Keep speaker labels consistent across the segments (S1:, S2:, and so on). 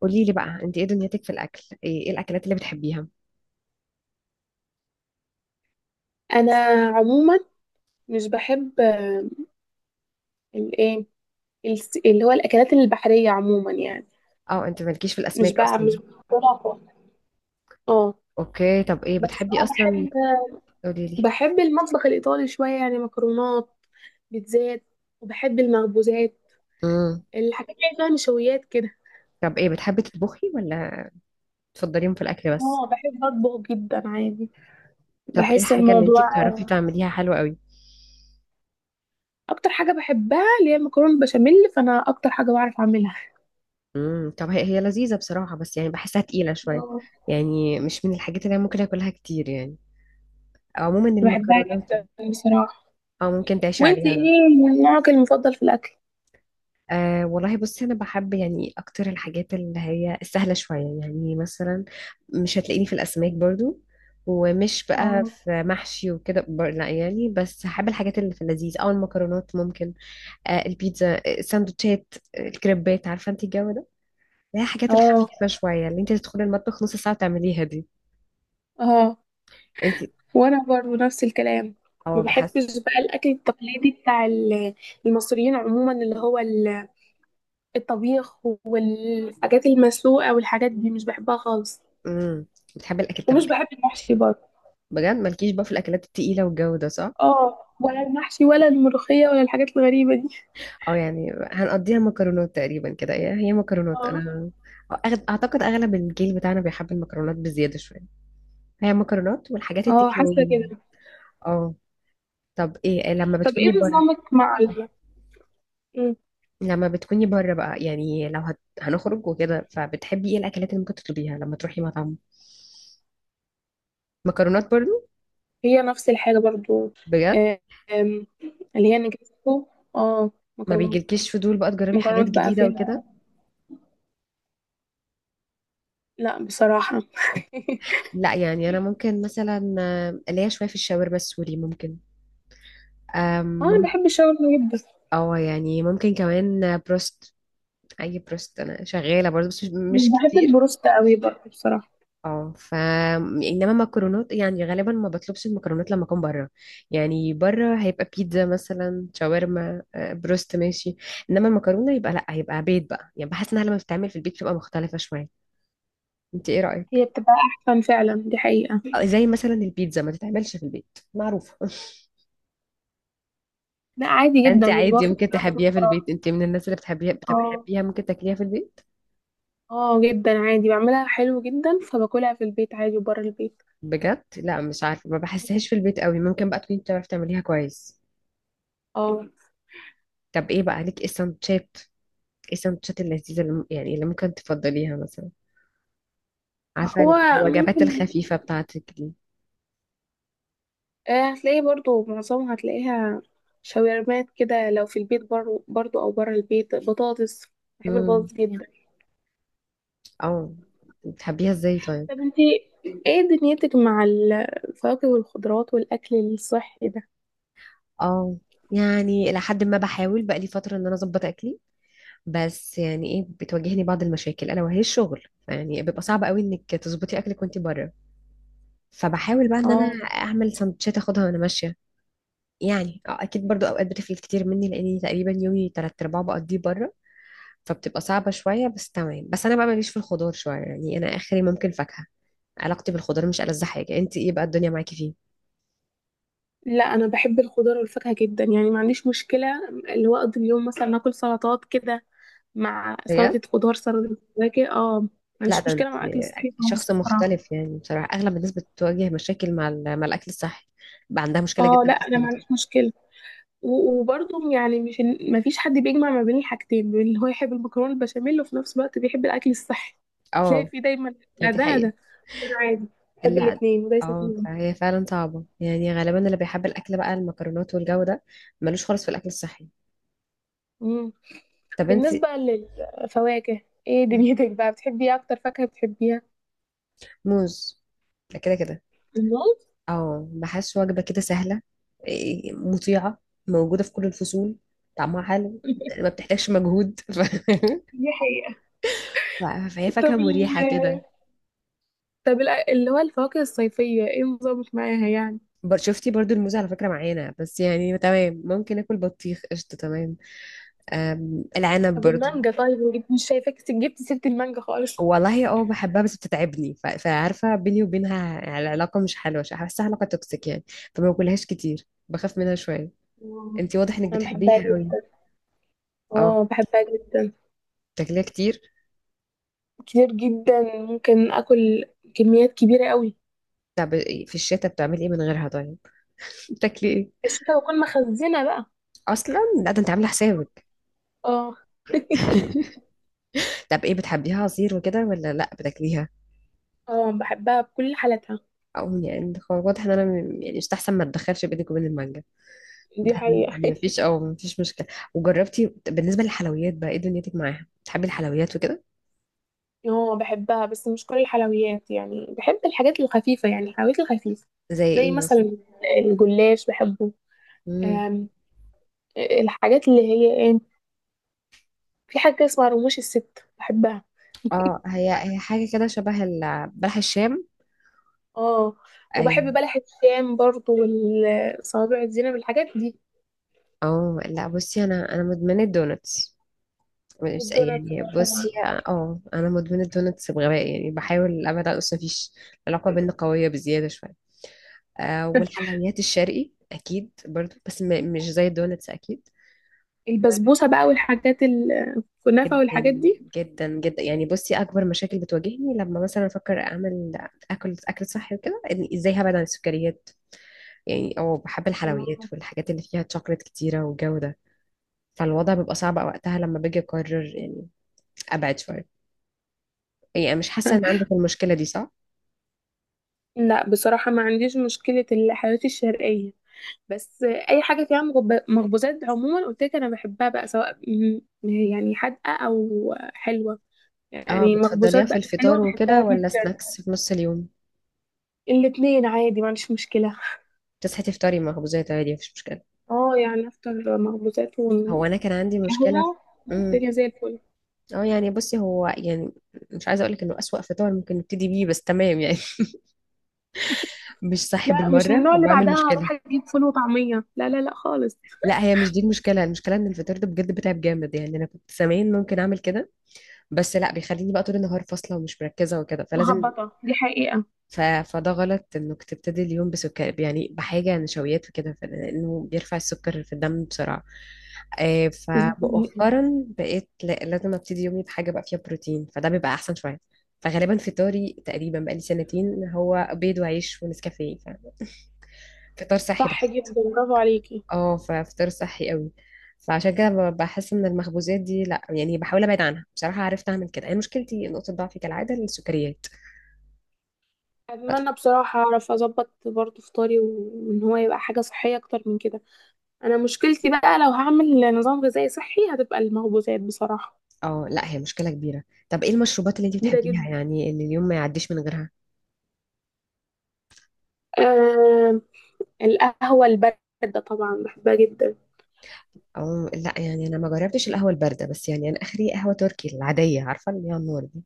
S1: قولي لي بقى، انت ايه دنيتك في الاكل؟ إيه الاكلات اللي بتحبيها؟
S2: انا عموما مش بحب الايه اللي هو الاكلات البحريه عموما يعني
S1: اه، انت مالكيش في
S2: مش
S1: الاسماك
S2: بقى
S1: اصلا؟
S2: مش بفضلها خالص. اه،
S1: اوكي، طب ايه
S2: بس
S1: بتحبي
S2: بقى
S1: اصلا؟ قولي لي.
S2: بحب المطبخ الايطالي شويه، يعني مكرونات، بيتزات، وبحب المخبوزات،
S1: امم.
S2: الحاجات اللي فيها نشويات كده.
S1: طب ايه بتحبي تطبخي ولا تفضليهم في الاكل بس؟
S2: اه بحب اطبخ جدا عادي.
S1: طب ايه
S2: بحس
S1: الحاجه اللي انت
S2: الموضوع
S1: بتعرفي تعمليها حلوه قوي؟
S2: اكتر حاجه بحبها اللي هي المكرونه البشاميل، فانا اكتر حاجه بعرف اعملها.
S1: امم، طب هي هي لذيذه بصراحه، بس يعني بحسها تقيله شويه.
S2: اه
S1: يعني مش من الحاجات اللي انا ممكن اكلها كتير يعني، او عموما
S2: بحبها
S1: المكرونات.
S2: جدا بصراحه.
S1: اه، ممكن تعيشي
S2: وانت
S1: عليها. انا
S2: ايه نوعك المفضل في الاكل؟
S1: أه والله بصي، انا بحب يعني اكتر الحاجات اللي هي السهله شويه، يعني مثلا مش هتلاقيني في الاسماك برضو، ومش بقى
S2: اه،
S1: في محشي وكده لا يعني، بس هحب الحاجات اللي في اللذيذ، او المكرونات ممكن. البيتزا، السندوتشات، الكريبات، عارفه انت الجو ده، اللي هي الحاجات
S2: اه،
S1: الخفيفه شويه اللي انت تدخلي المطبخ نص ساعه تعمليها دي.
S2: اه،
S1: انت.
S2: وانا برضو نفس الكلام.
S1: اه،
S2: ما
S1: بحس.
S2: بحبش بقى الاكل التقليدي بتاع المصريين عموما، اللي هو الطبيخ والحاجات المسلوقه والحاجات دي، مش بحبها خالص.
S1: امم. بتحبي الاكل
S2: ومش
S1: طب؟
S2: بحب المحشي برضو.
S1: بجد؟ مالكيش بقى في الاكلات التقيله والجو ده، صح؟
S2: اه، ولا المحشي ولا الملوخيه ولا الحاجات الغريبه دي.
S1: اه يعني، هنقضيها مكرونات تقريبا كده، هي هي مكرونات
S2: اه،
S1: انا. اعتقد اغلب الجيل بتاعنا بيحب المكرونات بزياده شويه. هي مكرونات والحاجات
S2: اه،
S1: التيك
S2: حاسه
S1: اواي.
S2: كده.
S1: اه. طب ايه لما
S2: طب
S1: بتكوني
S2: ايه
S1: بره؟
S2: نظامك مع ال... مم.
S1: لما بتكوني بره بقى يعني، لو هنخرج وكده، فبتحبي ايه الاكلات اللي ممكن تطلبيها لما تروحي مطعم؟ مكرونات برضو؟
S2: هي نفس الحاجه برضو.
S1: بجد،
S2: آه، آم، اللي هي نجرسكو، اه،
S1: ما
S2: مكرونات،
S1: بيجيلكيش فضول بقى تجربي حاجات
S2: مكرونات بقى
S1: جديده وكده؟
S2: فيها. لا بصراحه
S1: لا يعني، انا ممكن مثلا ليا شويه في الشاورما السوري، ممكن. أم،
S2: اه انا
S1: مم-
S2: بحب الشاورما جدا.
S1: اه يعني، ممكن كمان بروست. اي بروست انا شغاله برضه، بس مش
S2: مش
S1: مش
S2: بحب
S1: كتير.
S2: البروست قوي برضه بصراحه.
S1: اه. انما مكرونات يعني، غالبا ما بطلبش المكرونات لما اكون بره. يعني بره هيبقى بيتزا مثلا، شاورما، بروست، ماشي. انما المكرونه يبقى لا، هيبقى بيت بقى، يعني بحس انها لما بتتعمل في البيت بتبقى مختلفه شويه. انت ايه
S2: هي
S1: رايك؟
S2: بتبقى احسن فعلا، دي حقيقه.
S1: زي مثلا البيتزا ما تتعملش في البيت معروفه.
S2: لا، عادي
S1: انت
S2: جدا، مش
S1: عادي،
S2: بوافق في
S1: ممكن
S2: الرأي ده
S1: تحبيها في البيت.
S2: بصراحه.
S1: انت من الناس اللي بتحبيها،
S2: اه،
S1: ممكن تاكليها في البيت.
S2: اه، جدا عادي، بعملها حلو جدا فباكلها في البيت عادي وبره البيت.
S1: بجد؟ لا مش عارفه، ما بحسهاش في البيت قوي. ممكن بقى تكوني بتعرفي تعمليها كويس.
S2: اه.
S1: طب ايه بقى ليك، ايه السندوتشات اللذيذة اللي يعني اللي ممكن تفضليها مثلا، عارفة
S2: هو
S1: الوجبات
S2: ممكن
S1: الخفيفة بتاعتك دي.
S2: هتلاقيه برضو، معظمها هتلاقيها شاورمات كده، لو في البيت برضو, برضو او بره البيت بطاطس. بحب
S1: امم.
S2: البطاطس جدا.
S1: اه، بتحبيها ازاي طيب؟
S2: طب انتي ايه دنيتك مع الفواكه والخضروات والاكل الصحي ده؟
S1: اه يعني، إلى حد ما بحاول بقى لي فترة إن أنا أظبط أكلي. بس يعني إيه، بتواجهني بعض المشاكل ألا وهي الشغل، يعني بيبقى صعب قوي إنك تظبطي أكلك وأنت بره. فبحاول بقى إن أنا
S2: اه،
S1: أعمل سندوتشات أخدها وأنا ماشية. يعني أكيد برضو أوقات بتفلت كتير مني، لأني تقريبا يومي تلات أرباعه بقضيه بره. فبتبقى صعبة شوية بس تمام، بس أنا بقى ماليش في الخضار شوية، يعني أنا آخري ممكن فاكهة. علاقتي بالخضار مش ألذ حاجة. أنت إيه بقى الدنيا معاكي فيه؟
S2: لا انا بحب الخضار والفاكهه جدا، يعني ما عنديش مشكله اللي هو اقضي اليوم مثلا اكل سلطات كده، مع
S1: بجد؟
S2: سلطه خضار، سلطه فواكه. اه، ما
S1: لا
S2: عنديش
S1: ده أنت
S2: مشكله مع اكل الصحي خالص
S1: شخص
S2: بصراحه.
S1: مختلف، يعني بصراحة أغلب الناس بتواجه مشاكل مع الأكل الصحي، بقى عندها مشكلة
S2: اه،
S1: جدا
S2: لا
S1: في
S2: انا ما
S1: السلطة.
S2: عنديش مشكله. و- وبرضه يعني مش، ما فيش حد بيجمع ما بين الحاجتين، بين اللي هو يحب المكرونه البشاميل وفي نفس الوقت بيحب الاكل الصحي تلاقي
S1: اه،
S2: فيه دايما لا
S1: دي
S2: ده لا
S1: حقيقة.
S2: ده. انا عادي بحب
S1: لا،
S2: الاثنين وليس
S1: اه
S2: فيهم.
S1: فهي فعلا صعبة، يعني غالبا اللي بيحب الأكل بقى المكرونات والجو ده، ملوش خالص في الأكل الصحي.
S2: مم.
S1: طب أنت؟
S2: بالنسبه للفواكه، ايه دنيتك بقى؟ بتحبي إيه اكتر فاكهه بتحبيها؟
S1: موز. ده كده كده.
S2: الموز.
S1: اه، بحس وجبة كده سهلة، إيه، مطيعة، موجودة في كل الفصول، طعمها حلو، ما بتحتاجش مجهود.
S2: دي حقيقة.
S1: ف- فهي
S2: طب
S1: فاكهة مريحة كده.
S2: اللي هو الفواكه الصيفية ايه نظامك معاها يعني؟
S1: شفتي برضو الموز على فكرة معانا، بس يعني تمام. ممكن اكل بطيخ، قشطة، تمام. العنب
S2: طب
S1: برضو.
S2: المانجا طيب، مش شايفاك جبت سيرة المانجا خالص.
S1: والله اه بحبها بس بتتعبني، فعارفة بيني وبينها العلاقة مش حلوة، بحسها علاقة توكسيك يعني. فما باكلهاش كتير، بخاف منها شوية.
S2: آه،
S1: انتي واضح انك
S2: انا بحبها
S1: بتحبيها قوي.
S2: جدا.
S1: اه،
S2: اه بحبها جدا
S1: بتاكليها كتير؟
S2: كتير جدا، ممكن اكل كميات كبيرة قوي.
S1: طب في الشتاء بتعملي ايه من غيرها طيب، بتاكلي ايه؟
S2: الشتا بكون مخزنة بقى.
S1: اصلا؟ لا ده انت عامله حسابك.
S2: اه.
S1: طب ايه، بتحبيها عصير وكده ولا لا، بتاكليها؟
S2: اه بحبها بكل حالاتها.
S1: او يعني واضح ان انا، يعني مستحسن ما اتدخلش بينك وبين المانجا.
S2: دي
S1: ده
S2: حقيقة.
S1: مفيش مشكله. وجربتي؟ بالنسبه للحلويات بقى ايه دنيتك معاها، بتحبي الحلويات وكده؟
S2: اه بحبها، بس مش كل الحلويات، يعني بحب الحاجات الخفيفة، يعني الحلويات الخفيفة.
S1: زي
S2: زي
S1: ايه مثلا؟
S2: مثلا الجلاش بحبه.
S1: امم،
S2: الحاجات اللي هي ايه، في حاجة اسمها رموش الست بحبها.
S1: اه هي هي حاجه كده شبه بلح الشام.
S2: اه، وبحب
S1: ايوه.
S2: بلح الشام برضو، والصوابع الزينب، الحاجات دي.
S1: اه لا بصي، انا مدمنه الدونتس، مش
S2: والدونات.
S1: يعني بصي. اه، انا مدمنه دونتس بغباء، يعني بحاول ابعد، اصلا مفيش. العلاقه بينا قويه بزياده شويه. أه، والحلويات الشرقي اكيد برضو، بس مش زي الدونتس اكيد.
S2: البسبوسة بقى والحاجات، الكنافة
S1: جدا.
S2: والحاجات دي.
S1: جدا جدا، يعني بصي، اكبر مشاكل بتواجهني لما مثلا افكر اعمل اكل صحي وكده، إن ازاي هبعد عن السكريات. يعني اه، بحب الحلويات
S2: آه.
S1: والحاجات اللي فيها شوكليت كتيره والجو ده. فالوضع بيبقى صعب وقتها لما باجي اقرر يعني ابعد شويه. يعني أنا مش حاسه ان عندك المشكله دي، صح؟
S2: لا بصراحة ما عنديش مشكلة الحلويات الشرقية، بس أي حاجة فيها مخبوزات عموما، قلت لك أنا بحبها بقى، سواء يعني حادقة أو حلوة،
S1: اه،
S2: يعني
S1: بتفضليها
S2: مخبوزات
S1: في
S2: بقى حلوة
S1: الفطار
S2: بحبها
S1: وكده ولا
S2: جدا.
S1: سناكس في نص اليوم؟
S2: الاتنين عادي ما عنديش مشكلة.
S1: تصحي تفطري مخبوزات عادي، مفيش مشكله؟
S2: اه، يعني افطر مخبوزات
S1: هو انا كان عندي مشكله في.
S2: وقهوة،
S1: امم.
S2: الدنيا زي الفل.
S1: اه يعني بصي، هو يعني مش عايزه اقولك انه اسوأ فطار ممكن نبتدي بيه، بس تمام يعني. مش صحي
S2: لا مش من
S1: بالمره،
S2: النوع اللي
S1: وبعمل
S2: بعدها
S1: مشكله.
S2: هروح اجيب فول وطعمية، لا لا لا خالص.
S1: لا، هي مش دي المشكله. المشكله ان الفطار ده بجد بتعب جامد، يعني انا كنت زمان ممكن اعمل كده، بس لا، بيخليني بقى طول النهار فاصله ومش مركزه وكده، فلازم
S2: مهبطة، دي حقيقة.
S1: فده غلط انك تبتدي اليوم بسكر، يعني بحاجة نشويات وكده، لانه بيرفع السكر في الدم بسرعة.
S2: دي حقيقة.
S1: فمؤخرا بقيت لازم ابتدي يومي بحاجة بقى فيها بروتين، فده بيبقى احسن شوية. فغالبا فطاري تقريبا بقالي سنتين هو بيض وعيش ونسكافيه، فطار صحي
S2: صح
S1: بحت.
S2: جدا، برافو عليكي.
S1: اه ففطار صحي قوي، فعشان كده بحس ان المخبوزات دي لا يعني، بحاول ابعد عنها بصراحة، عرفت اعمل كده. انا مشكلتي نقطة ضعفي كالعادة السكريات.
S2: اتمنى بصراحة اعرف اظبط برضه فطاري، وان هو يبقى حاجة صحية اكتر من كده. انا مشكلتي بقى لو هعمل نظام غذائي صحي هتبقى المخبوزات بصراحة.
S1: اه لا، هي مشكلة كبيرة. طب ايه المشروبات اللي انت
S2: كبيرة
S1: بتحبيها،
S2: جدا.
S1: يعني اللي اليوم ما يعديش من غيرها؟
S2: آه، القهوة الباردة طبعا بحبها جدا.
S1: او لا يعني، انا ما جربتش القهوة الباردة، بس يعني انا اخري قهوة تركي العادية، عارفة اللي هي النور دي.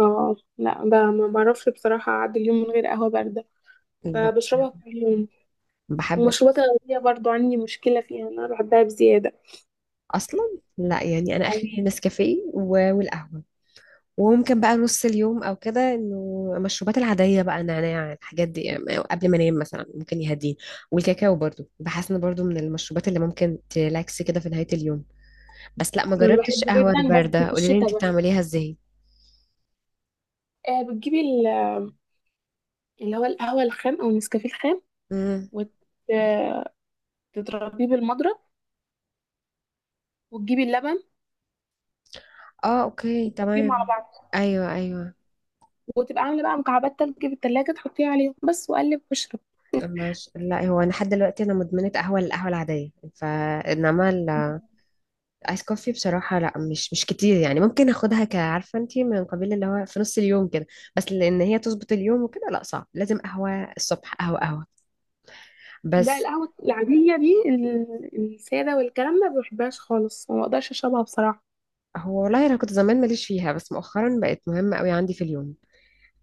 S2: اه، لا ب- ما بعرفش بصراحة اعدي اليوم من غير قهوة باردة،
S1: لا،
S2: فبشربها كل يوم.
S1: بحب.
S2: والمشروبات الغازية برضو عندي مشكلة فيها، أنا بحبها بزيادة.
S1: اصلا؟ لا يعني، انا
S2: أو
S1: اخري نسكافيه والقهوة. وممكن بقى نص اليوم او كده انه المشروبات العادية بقى، نعناع، الحاجات دي يعني قبل ما انام مثلا، ممكن يهديني. والكاكاو برضو، بحس انه برضو من المشروبات اللي ممكن تلاكس كده في نهاية اليوم. بس لا، ما
S2: يعني أنا
S1: جربتش
S2: بحبه
S1: قهوة
S2: جدا بس
S1: الباردة،
S2: في
S1: قولي لي انت
S2: الشتاء بس.
S1: بتعمليها ازاي؟
S2: آه، بتجيبي اللي هو القهوة الخام أو النسكافيه الخام،
S1: امم.
S2: وتضربيه بالمضرب، وتجيبي اللبن،
S1: اه، اوكي
S2: وتجيبيهم على
S1: تمام.
S2: بعض،
S1: ايوه، ايوه.
S2: وتبقى عاملة بقى مكعبات تلج في التلاجة، تحطيها عليهم بس وقلب واشرب.
S1: ماشي. لا هو، انا لحد دلوقتي انا مدمنه قهوه، القهوه العاديه، فانما الايس كوفي بصراحه لا، مش كتير، يعني ممكن اخدها كعارفه انتي من قبيل اللي هو في نص اليوم كده، بس لان هي تظبط اليوم وكده لا صعب، لازم قهوه الصبح، قهوه قهوه.
S2: ده
S1: بس.
S2: القهوة العادية دي السادة والكلام ده ما بحبهاش خالص، ما بقدرش أشربها بصراحة.
S1: هو والله انا كنت زمان ماليش فيها بس مؤخرا بقت مهمه قوي عندي في اليوم،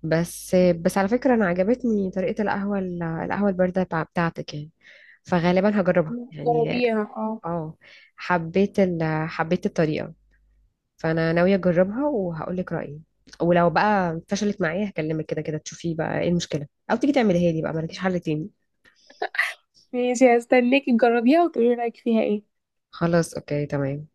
S1: بس على فكره، انا عجبتني طريقه القهوه البارده بتاعتك يعني، فغالبا هجربها يعني.
S2: جربيها اه.
S1: اه، حبيت حبيت الطريقة، فأنا ناوية أجربها وهقولك رأيي. ولو بقى فشلت معايا، هكلمك كده كده تشوفي بقى ايه المشكلة، أو تيجي تعمليها لي بقى، مالكيش حل تاني.
S2: ماشي، هستناكي تجربيها وتقولي رأيك فيها ايه.
S1: خلاص، أوكي تمام.